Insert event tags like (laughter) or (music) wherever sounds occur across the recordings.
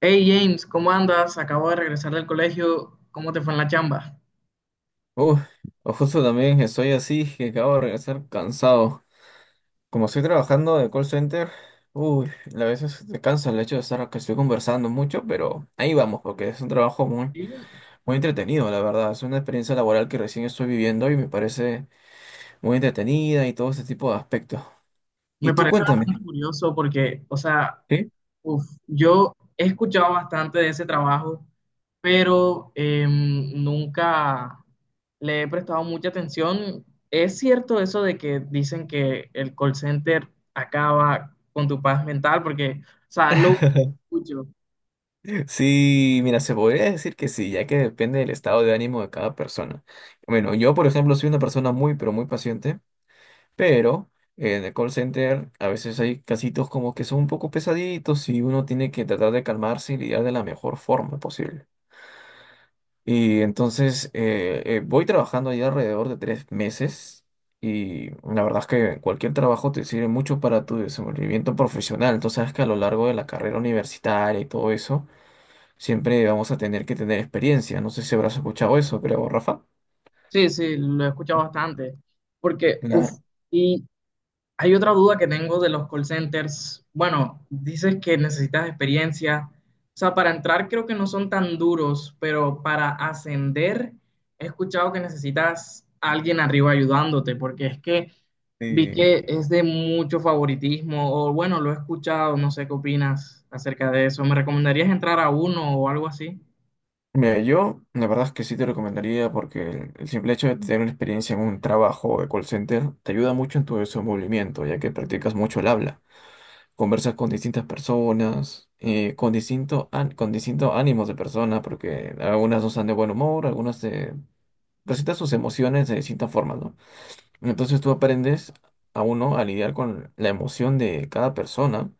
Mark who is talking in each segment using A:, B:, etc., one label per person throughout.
A: Hey James, ¿cómo andas? Acabo de regresar del colegio. ¿Cómo te fue en la chamba?
B: Uh, o justo también estoy así que acabo de regresar cansado. Como estoy trabajando de call center, uy, a veces te cansa el hecho de estar que estoy conversando mucho, pero ahí vamos, porque es un trabajo muy,
A: Sí,
B: muy entretenido, la verdad. Es una experiencia laboral que recién estoy viviendo y me parece muy entretenida y todo ese tipo de aspectos. Y
A: me
B: tú
A: parece
B: cuéntame,
A: bastante curioso porque, o sea,
B: ¿sí?
A: uf, yo he escuchado bastante de ese trabajo, pero nunca le he prestado mucha atención. ¿Es cierto eso de que dicen que el call center acaba con tu paz mental? Porque, o sea, es lo que
B: (laughs)
A: escucho.
B: Sí, mira, se podría decir que sí, ya que depende del estado de ánimo de cada persona. Bueno, yo, por ejemplo, soy una persona muy, pero muy paciente. Pero en el call center a veces hay casitos como que son un poco pesaditos y uno tiene que tratar de calmarse y lidiar de la mejor forma posible. Y entonces voy trabajando ya alrededor de 3 meses y la verdad es que cualquier trabajo te sirve mucho para tu desenvolvimiento profesional. Entonces sabes que a lo largo de la carrera universitaria y todo eso, siempre vamos a tener que tener experiencia. No sé si habrás escuchado eso, creo, Rafa.
A: Sí, sí, lo he escuchado bastante. Porque, uff,
B: Claro.
A: hay otra duda que tengo de los call centers. Bueno, dices que necesitas experiencia. O sea, para entrar creo que no son tan duros, pero para ascender he escuchado que necesitas a alguien arriba ayudándote, porque es que vi que es de mucho favoritismo, o bueno, lo he escuchado, no sé qué opinas acerca de eso. ¿Me recomendarías entrar a uno o algo así?
B: Mira, yo la verdad es que sí te recomendaría porque el simple hecho de tener una experiencia en un trabajo de call center te ayuda mucho en tu desenvolvimiento, ya que practicas mucho el habla, conversas con distintas personas, con con distintos ánimos de personas, porque algunas no están de buen humor, algunas te presentan sus emociones de distintas formas, ¿no? Entonces tú aprendes a uno a lidiar con la emoción de cada persona,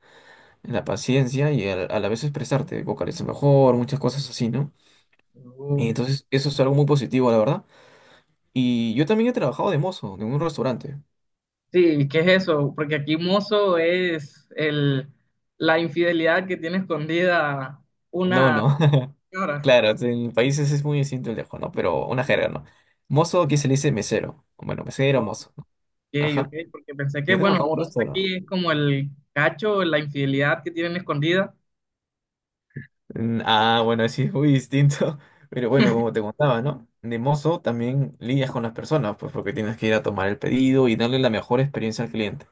B: la paciencia y a la vez expresarte, vocalizar mejor, muchas cosas así, ¿no? Y
A: Oh.
B: entonces eso es algo muy positivo, la verdad. Y yo también he trabajado de mozo en un restaurante.
A: Sí, ¿qué es eso? Porque aquí mozo es el, la infidelidad que tiene escondida
B: No,
A: una.
B: no. (laughs)
A: Ahora,
B: Claro, sí, en países es muy distinto el dejo, ¿no? Pero una
A: sí.
B: jerga, ¿no? Mozo aquí se le dice mesero. Bueno, mesero,
A: Ok,
B: mozo, ¿no?
A: ok,
B: Ajá.
A: porque pensé que,
B: Y he
A: bueno,
B: trabajado en un
A: no sé,
B: restaurante.
A: aquí es como el cacho, la infidelidad que tienen escondida.
B: Ah, bueno, sí, es muy distinto. (laughs) Pero bueno, como te contaba, ¿no? De mozo también lidias con las personas, pues porque tienes que ir a tomar el pedido y darle la mejor experiencia al cliente.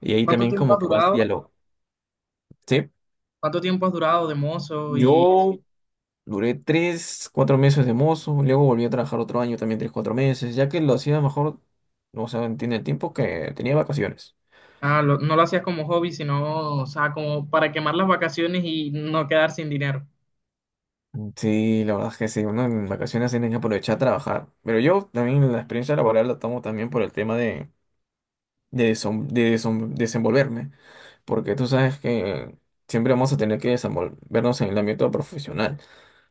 B: Y ahí
A: ¿Cuánto
B: también
A: tiempo
B: como
A: has
B: que vas
A: durado?
B: diálogo. ¿Sí?
A: ¿Cuánto tiempo has durado de mozo? Y
B: Yo duré tres, cuatro meses de mozo, luego volví a trabajar otro año también tres, cuatro meses, ya que lo hacía mejor, o sea, en el tiempo que tenía vacaciones.
A: no lo hacías como hobby, sino, o sea, como para quemar las vacaciones y no quedar sin dinero.
B: Sí, la verdad es que sí, uno en vacaciones tiene que aprovechar a trabajar, pero yo también la experiencia laboral la tomo también por el tema desenvolverme, porque tú sabes que siempre vamos a tener que desenvolvernos en el ámbito profesional.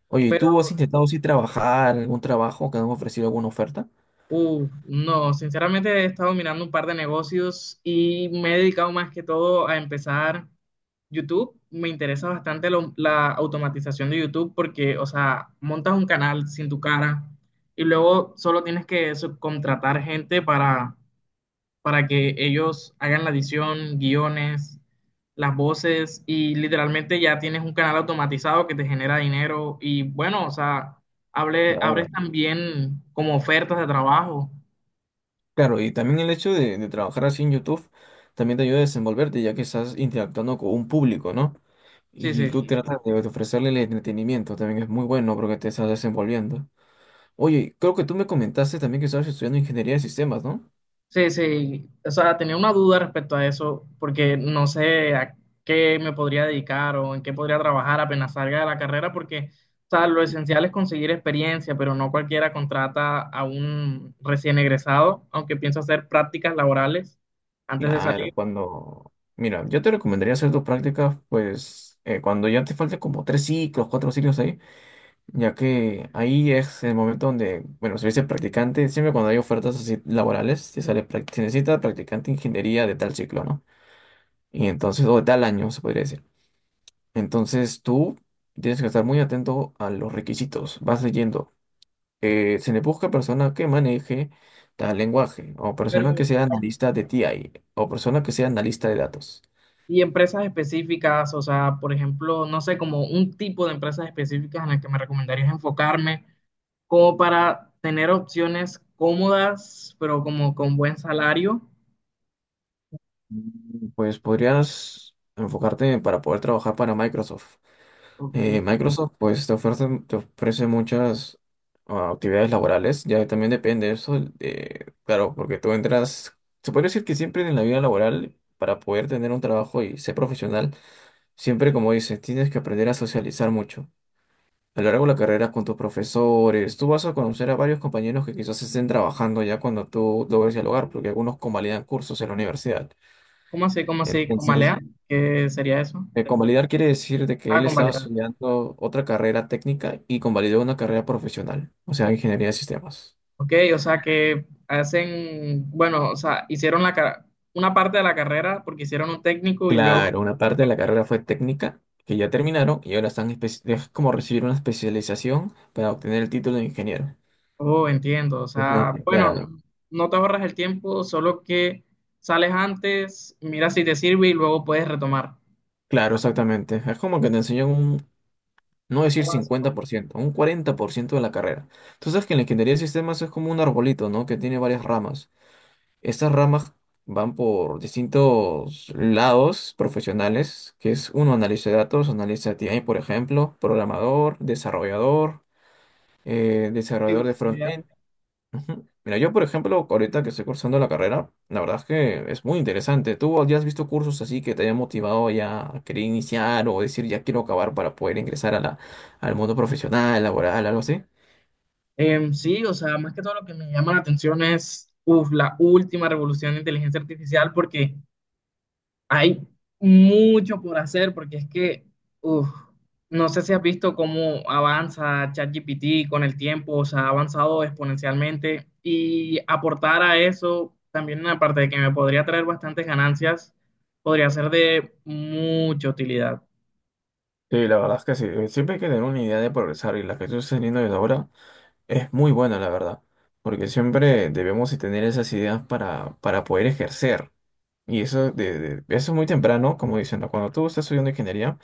B: Oye, ¿y tú has intentado sí trabajar, algún trabajo que han ofrecido alguna oferta?
A: Uf, no, sinceramente he estado mirando un par de negocios y me he dedicado más que todo a empezar YouTube. Me interesa bastante la automatización de YouTube porque, o sea, montas un canal sin tu cara y luego solo tienes que subcontratar gente para que ellos hagan la edición, guiones, las voces, y literalmente ya tienes un canal automatizado que te genera dinero y bueno, o sea, hable, abres también como ofertas de trabajo.
B: Claro, y también el hecho de trabajar así en YouTube también te ayuda a desenvolverte, ya que estás interactuando con un público, ¿no?
A: Sí,
B: Y tú
A: sí,
B: tratas de ofrecerle el entretenimiento, también es muy bueno porque te estás desenvolviendo. Oye, creo que tú me comentaste también que estabas estudiando ingeniería de sistemas, ¿no?
A: sí, sí. O sea, tenía una duda respecto a eso, porque no sé a qué me podría dedicar o en qué podría trabajar apenas salga de la carrera, porque, o sea, lo esencial es conseguir experiencia, pero no cualquiera contrata a un recién egresado, aunque pienso hacer prácticas laborales antes de
B: Claro,
A: salir.
B: cuando... Mira, yo te recomendaría hacer tus prácticas, pues, cuando ya te falten como tres ciclos, cuatro ciclos ahí. Ya que ahí es el momento donde, bueno, se dice practicante, siempre cuando hay ofertas así laborales, te sale, se necesita practicante de ingeniería de tal ciclo, ¿no? Y entonces, o de tal año, se podría decir. Entonces tú tienes que estar muy atento a los requisitos, vas leyendo. Se le busca persona que maneje tal lenguaje, o persona que
A: Pero
B: sea analista de T I o persona que sea analista de datos.
A: y empresas específicas, o sea, por ejemplo, no sé, como un tipo de empresas específicas en las que me recomendarías enfocarme, como para tener opciones cómodas, pero como con buen salario.
B: Pues podrías enfocarte para poder trabajar para Microsoft.
A: Ok, pues,
B: Microsoft pues te ofrece muchas actividades laborales, ya también depende de eso, de- claro, porque tú entras, se puede decir que siempre en la vida laboral, para poder tener un trabajo y ser profesional, siempre como dices, tienes que aprender a socializar mucho. A lo largo de la carrera con tus profesores, tú vas a conocer a varios compañeros que quizás estén trabajando ya cuando tú logres dialogar, porque algunos convalidan cursos en la universidad.
A: ¿cómo así? ¿Cómo así? ¿Con
B: Entonces,
A: Balea? ¿Qué sería eso?
B: convalidar quiere decir de que
A: Ah,
B: él
A: con
B: estaba
A: Balea.
B: estudiando otra carrera técnica y convalidó una carrera profesional, o sea, ingeniería de sistemas.
A: Ok, o sea que hacen, bueno, o sea, hicieron la, una parte de la carrera porque hicieron un técnico y luego...
B: Claro, una parte de la carrera fue técnica, que ya terminaron, y ahora están es como recibir una especialización para obtener el título de ingeniero.
A: Oh, entiendo. O
B: Ajá,
A: sea, bueno,
B: claro,
A: no te ahorras el tiempo, solo que sales antes, miras si te sirve y luego puedes retomar.
B: claro, exactamente. Es como que te enseñan un, no
A: Lo
B: decir
A: básico,
B: 50%, un 40% de la carrera. Tú sabes que en la ingeniería de sistemas es como un arbolito, ¿no? Que tiene varias ramas. Estas ramas van por distintos lados profesionales, que es uno, analista de datos, analista de T I por ejemplo, programador, desarrollador, desarrollador de
A: diversidad.
B: front-end. Ujú. Mira, yo, por ejemplo, ahorita que estoy cursando la carrera, la verdad es que es muy interesante. ¿Tú ya has visto cursos así que te hayan motivado ya a querer iniciar o decir ya quiero acabar para poder ingresar a la, al mundo profesional, laboral, algo así?
A: Sí, o sea, más que todo lo que me llama la atención es uf, la última revolución de inteligencia artificial, porque hay mucho por hacer porque es que, uf, no sé si has visto cómo avanza ChatGPT con el tiempo, o sea, ha avanzado exponencialmente, y aportar a eso también, aparte de que me podría traer bastantes ganancias, podría ser de mucha utilidad.
B: Sí, la verdad es que sí. Siempre hay que tener una idea de progresar y la que estoy teniendo desde ahora. Es muy buena, la verdad, porque siempre debemos de tener esas ideas para poder ejercer. Y eso, eso es muy temprano, como dicen, ¿no? Cuando tú estás estudiando ingeniería,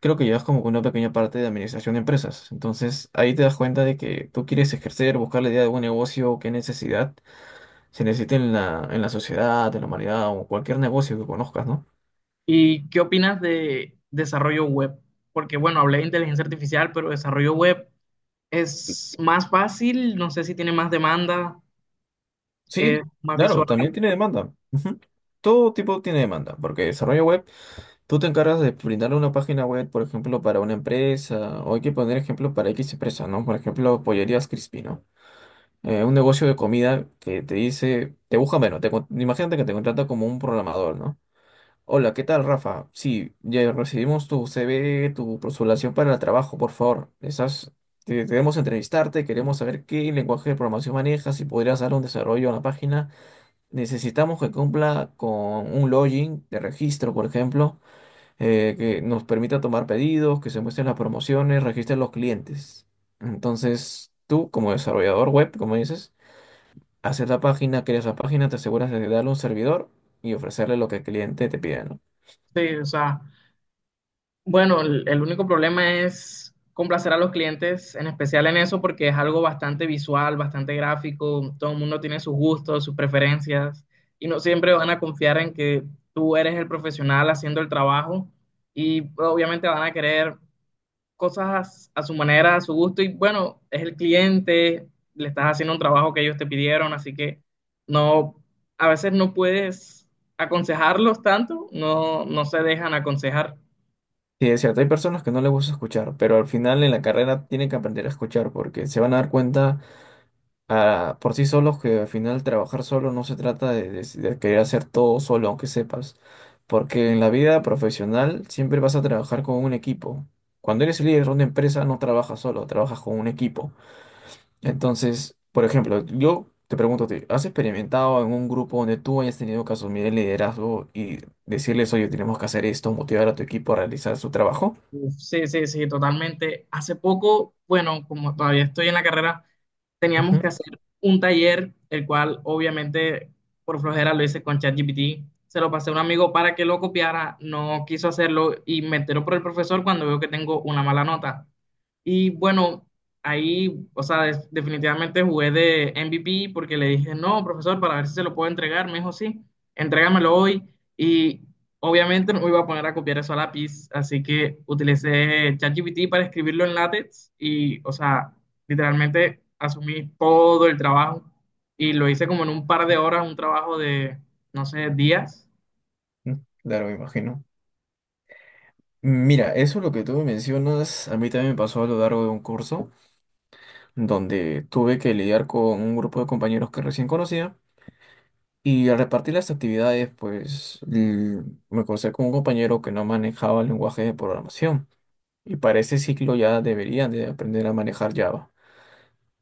B: creo que llevas como que una pequeña parte de administración de empresas. Entonces, ahí te das cuenta de que tú quieres ejercer, buscar la idea de un negocio, qué necesidad se necesita en la sociedad, en la humanidad o cualquier negocio que conozcas, ¿no?
A: ¿Y qué opinas de desarrollo web? Porque, bueno, hablé de inteligencia artificial, pero desarrollo web es más fácil, no sé si tiene más demanda, es
B: Sí,
A: más
B: claro,
A: visual,
B: también tiene demanda. Ujú. Todo tipo tiene demanda, porque desarrollo web. Tú te encargas de brindar una página web, por ejemplo, para una empresa, o hay que poner ejemplo para X empresa, ¿no? Por ejemplo, Pollerías Crispy, ¿no? Un negocio de comida que te dice, te busca menos, imagínate que te contrata como un programador, ¿no? Hola, ¿qué tal, Rafa? Sí, ya recibimos tu CV, tu postulación para el trabajo, por favor. Estás, queremos entrevistarte, queremos saber qué lenguaje de programación manejas, si podrías dar un desarrollo a la página. Necesitamos que cumpla con un login de registro, por ejemplo que nos permita tomar pedidos, que se muestren las promociones, registren los clientes. Entonces, tú como desarrollador web, como dices, haces la página, creas la página, te aseguras de darle un servidor y ofrecerle lo que el cliente te pide, ¿no?
A: sí, o sea. Bueno, el único problema es complacer a los clientes, en especial en eso, porque es algo bastante visual, bastante gráfico, todo el mundo tiene sus gustos, sus preferencias, y no siempre van a confiar en que tú eres el profesional haciendo el trabajo, y obviamente van a querer cosas a su manera, a su gusto, y bueno, es el cliente, le estás haciendo un trabajo que ellos te pidieron, así que no, a veces no puedes aconsejarlos tanto, no, no se dejan aconsejar.
B: Sí, es cierto, hay personas que no les gusta escuchar, pero al final en la carrera tienen que aprender a escuchar porque se van a dar cuenta por sí solos, que al final trabajar solo no se trata de querer hacer todo solo, aunque sepas. Porque en la vida profesional siempre vas a trabajar con un equipo. Cuando eres el líder de una empresa no trabajas solo, trabajas con un equipo. Entonces, por ejemplo, yo te pregunto, a ti, ¿has experimentado en un grupo donde tú hayas tenido que asumir el liderazgo y decirles, oye, tenemos que hacer esto, motivar a tu equipo a realizar su trabajo?
A: Uf, sí, totalmente. Hace poco, bueno, como todavía estoy en la carrera,
B: Ujú.
A: teníamos que hacer un taller, el cual obviamente por flojera lo hice con ChatGPT. Se lo pasé a un amigo para que lo copiara, no quiso hacerlo, y me enteró por el profesor cuando veo que tengo una mala nota. Y bueno, ahí, o sea, definitivamente jugué de MVP porque le dije, no, profesor, para ver si se lo puedo entregar. Me dijo, sí, entrégamelo hoy. Y obviamente no me iba a poner a copiar eso a lápiz, así que utilicé ChatGPT para escribirlo en LaTeX y, o sea, literalmente asumí todo el trabajo y lo hice como en un par de horas, un trabajo de, no sé, días.
B: mm, Claro, me imagino. Mira, eso lo que tú mencionas, a mí también me pasó a lo largo de un curso, donde tuve que lidiar con un grupo de compañeros que recién conocía y al repartir las actividades, me crucé con un compañero que no manejaba el lenguaje de programación y para ese ciclo ya deberían de aprender a manejar Java.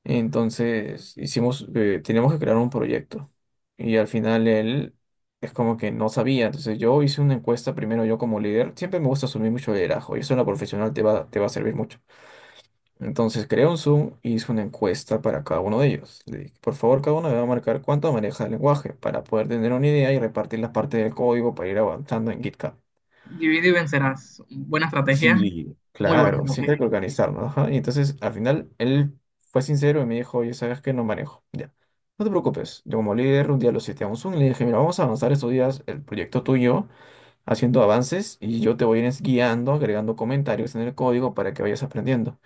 B: Entonces hicimos, teníamos que crear un proyecto y al final él es como que no sabía, entonces yo hice una encuesta primero yo como líder, siempre me gusta asumir mucho liderazgo y eso en la profesional te va a servir mucho. Entonces creé un Zoom y hice una encuesta para cada uno de ellos. Le dije, por favor, cada uno debe marcar cuánto maneja el lenguaje para poder tener una idea y repartir las partes del código para ir avanzando en GitHub.
A: Divide y vencerás. Buena estrategia,
B: Sí,
A: muy buena
B: claro, sí hay
A: estrategia.
B: que organizarnos, ajá. Y entonces al final él fue sincero y me dijo, oye, sabes que no manejo. Ya, no te preocupes. Yo como líder un día lo cité a un Zoom y le dije, mira, vamos a avanzar estos días el proyecto tuyo, haciendo avances y yo te voy a ir guiando, agregando comentarios en el código para que vayas aprendiendo.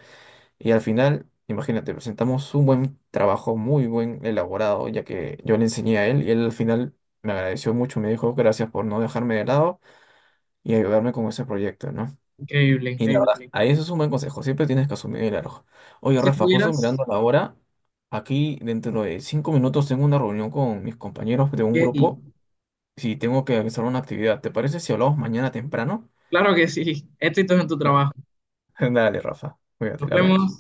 B: Y al final, imagínate, presentamos un buen trabajo, muy buen elaborado, ya que yo le enseñé a él y él al final me agradeció mucho, me dijo gracias por no dejarme de lado y ayudarme con ese proyecto, ¿no?
A: Increíble,
B: Y la
A: increíble.
B: verdad, sí, ahí eso es un buen consejo, siempre tienes que asumir el error. Oye,
A: Si
B: Rafa, justo
A: estuvieras,
B: mirando la hora, aquí dentro de 5 minutos tengo una reunión con mis compañeros de un
A: yay.
B: grupo, si tengo que realizar una actividad, ¿te parece si hablamos mañana temprano?
A: Claro que sí. Éxitos en tu
B: Dale,
A: trabajo.
B: (laughs) dale, Rafa, cuídate,
A: Nos
B: le
A: vemos.
B: hablamos.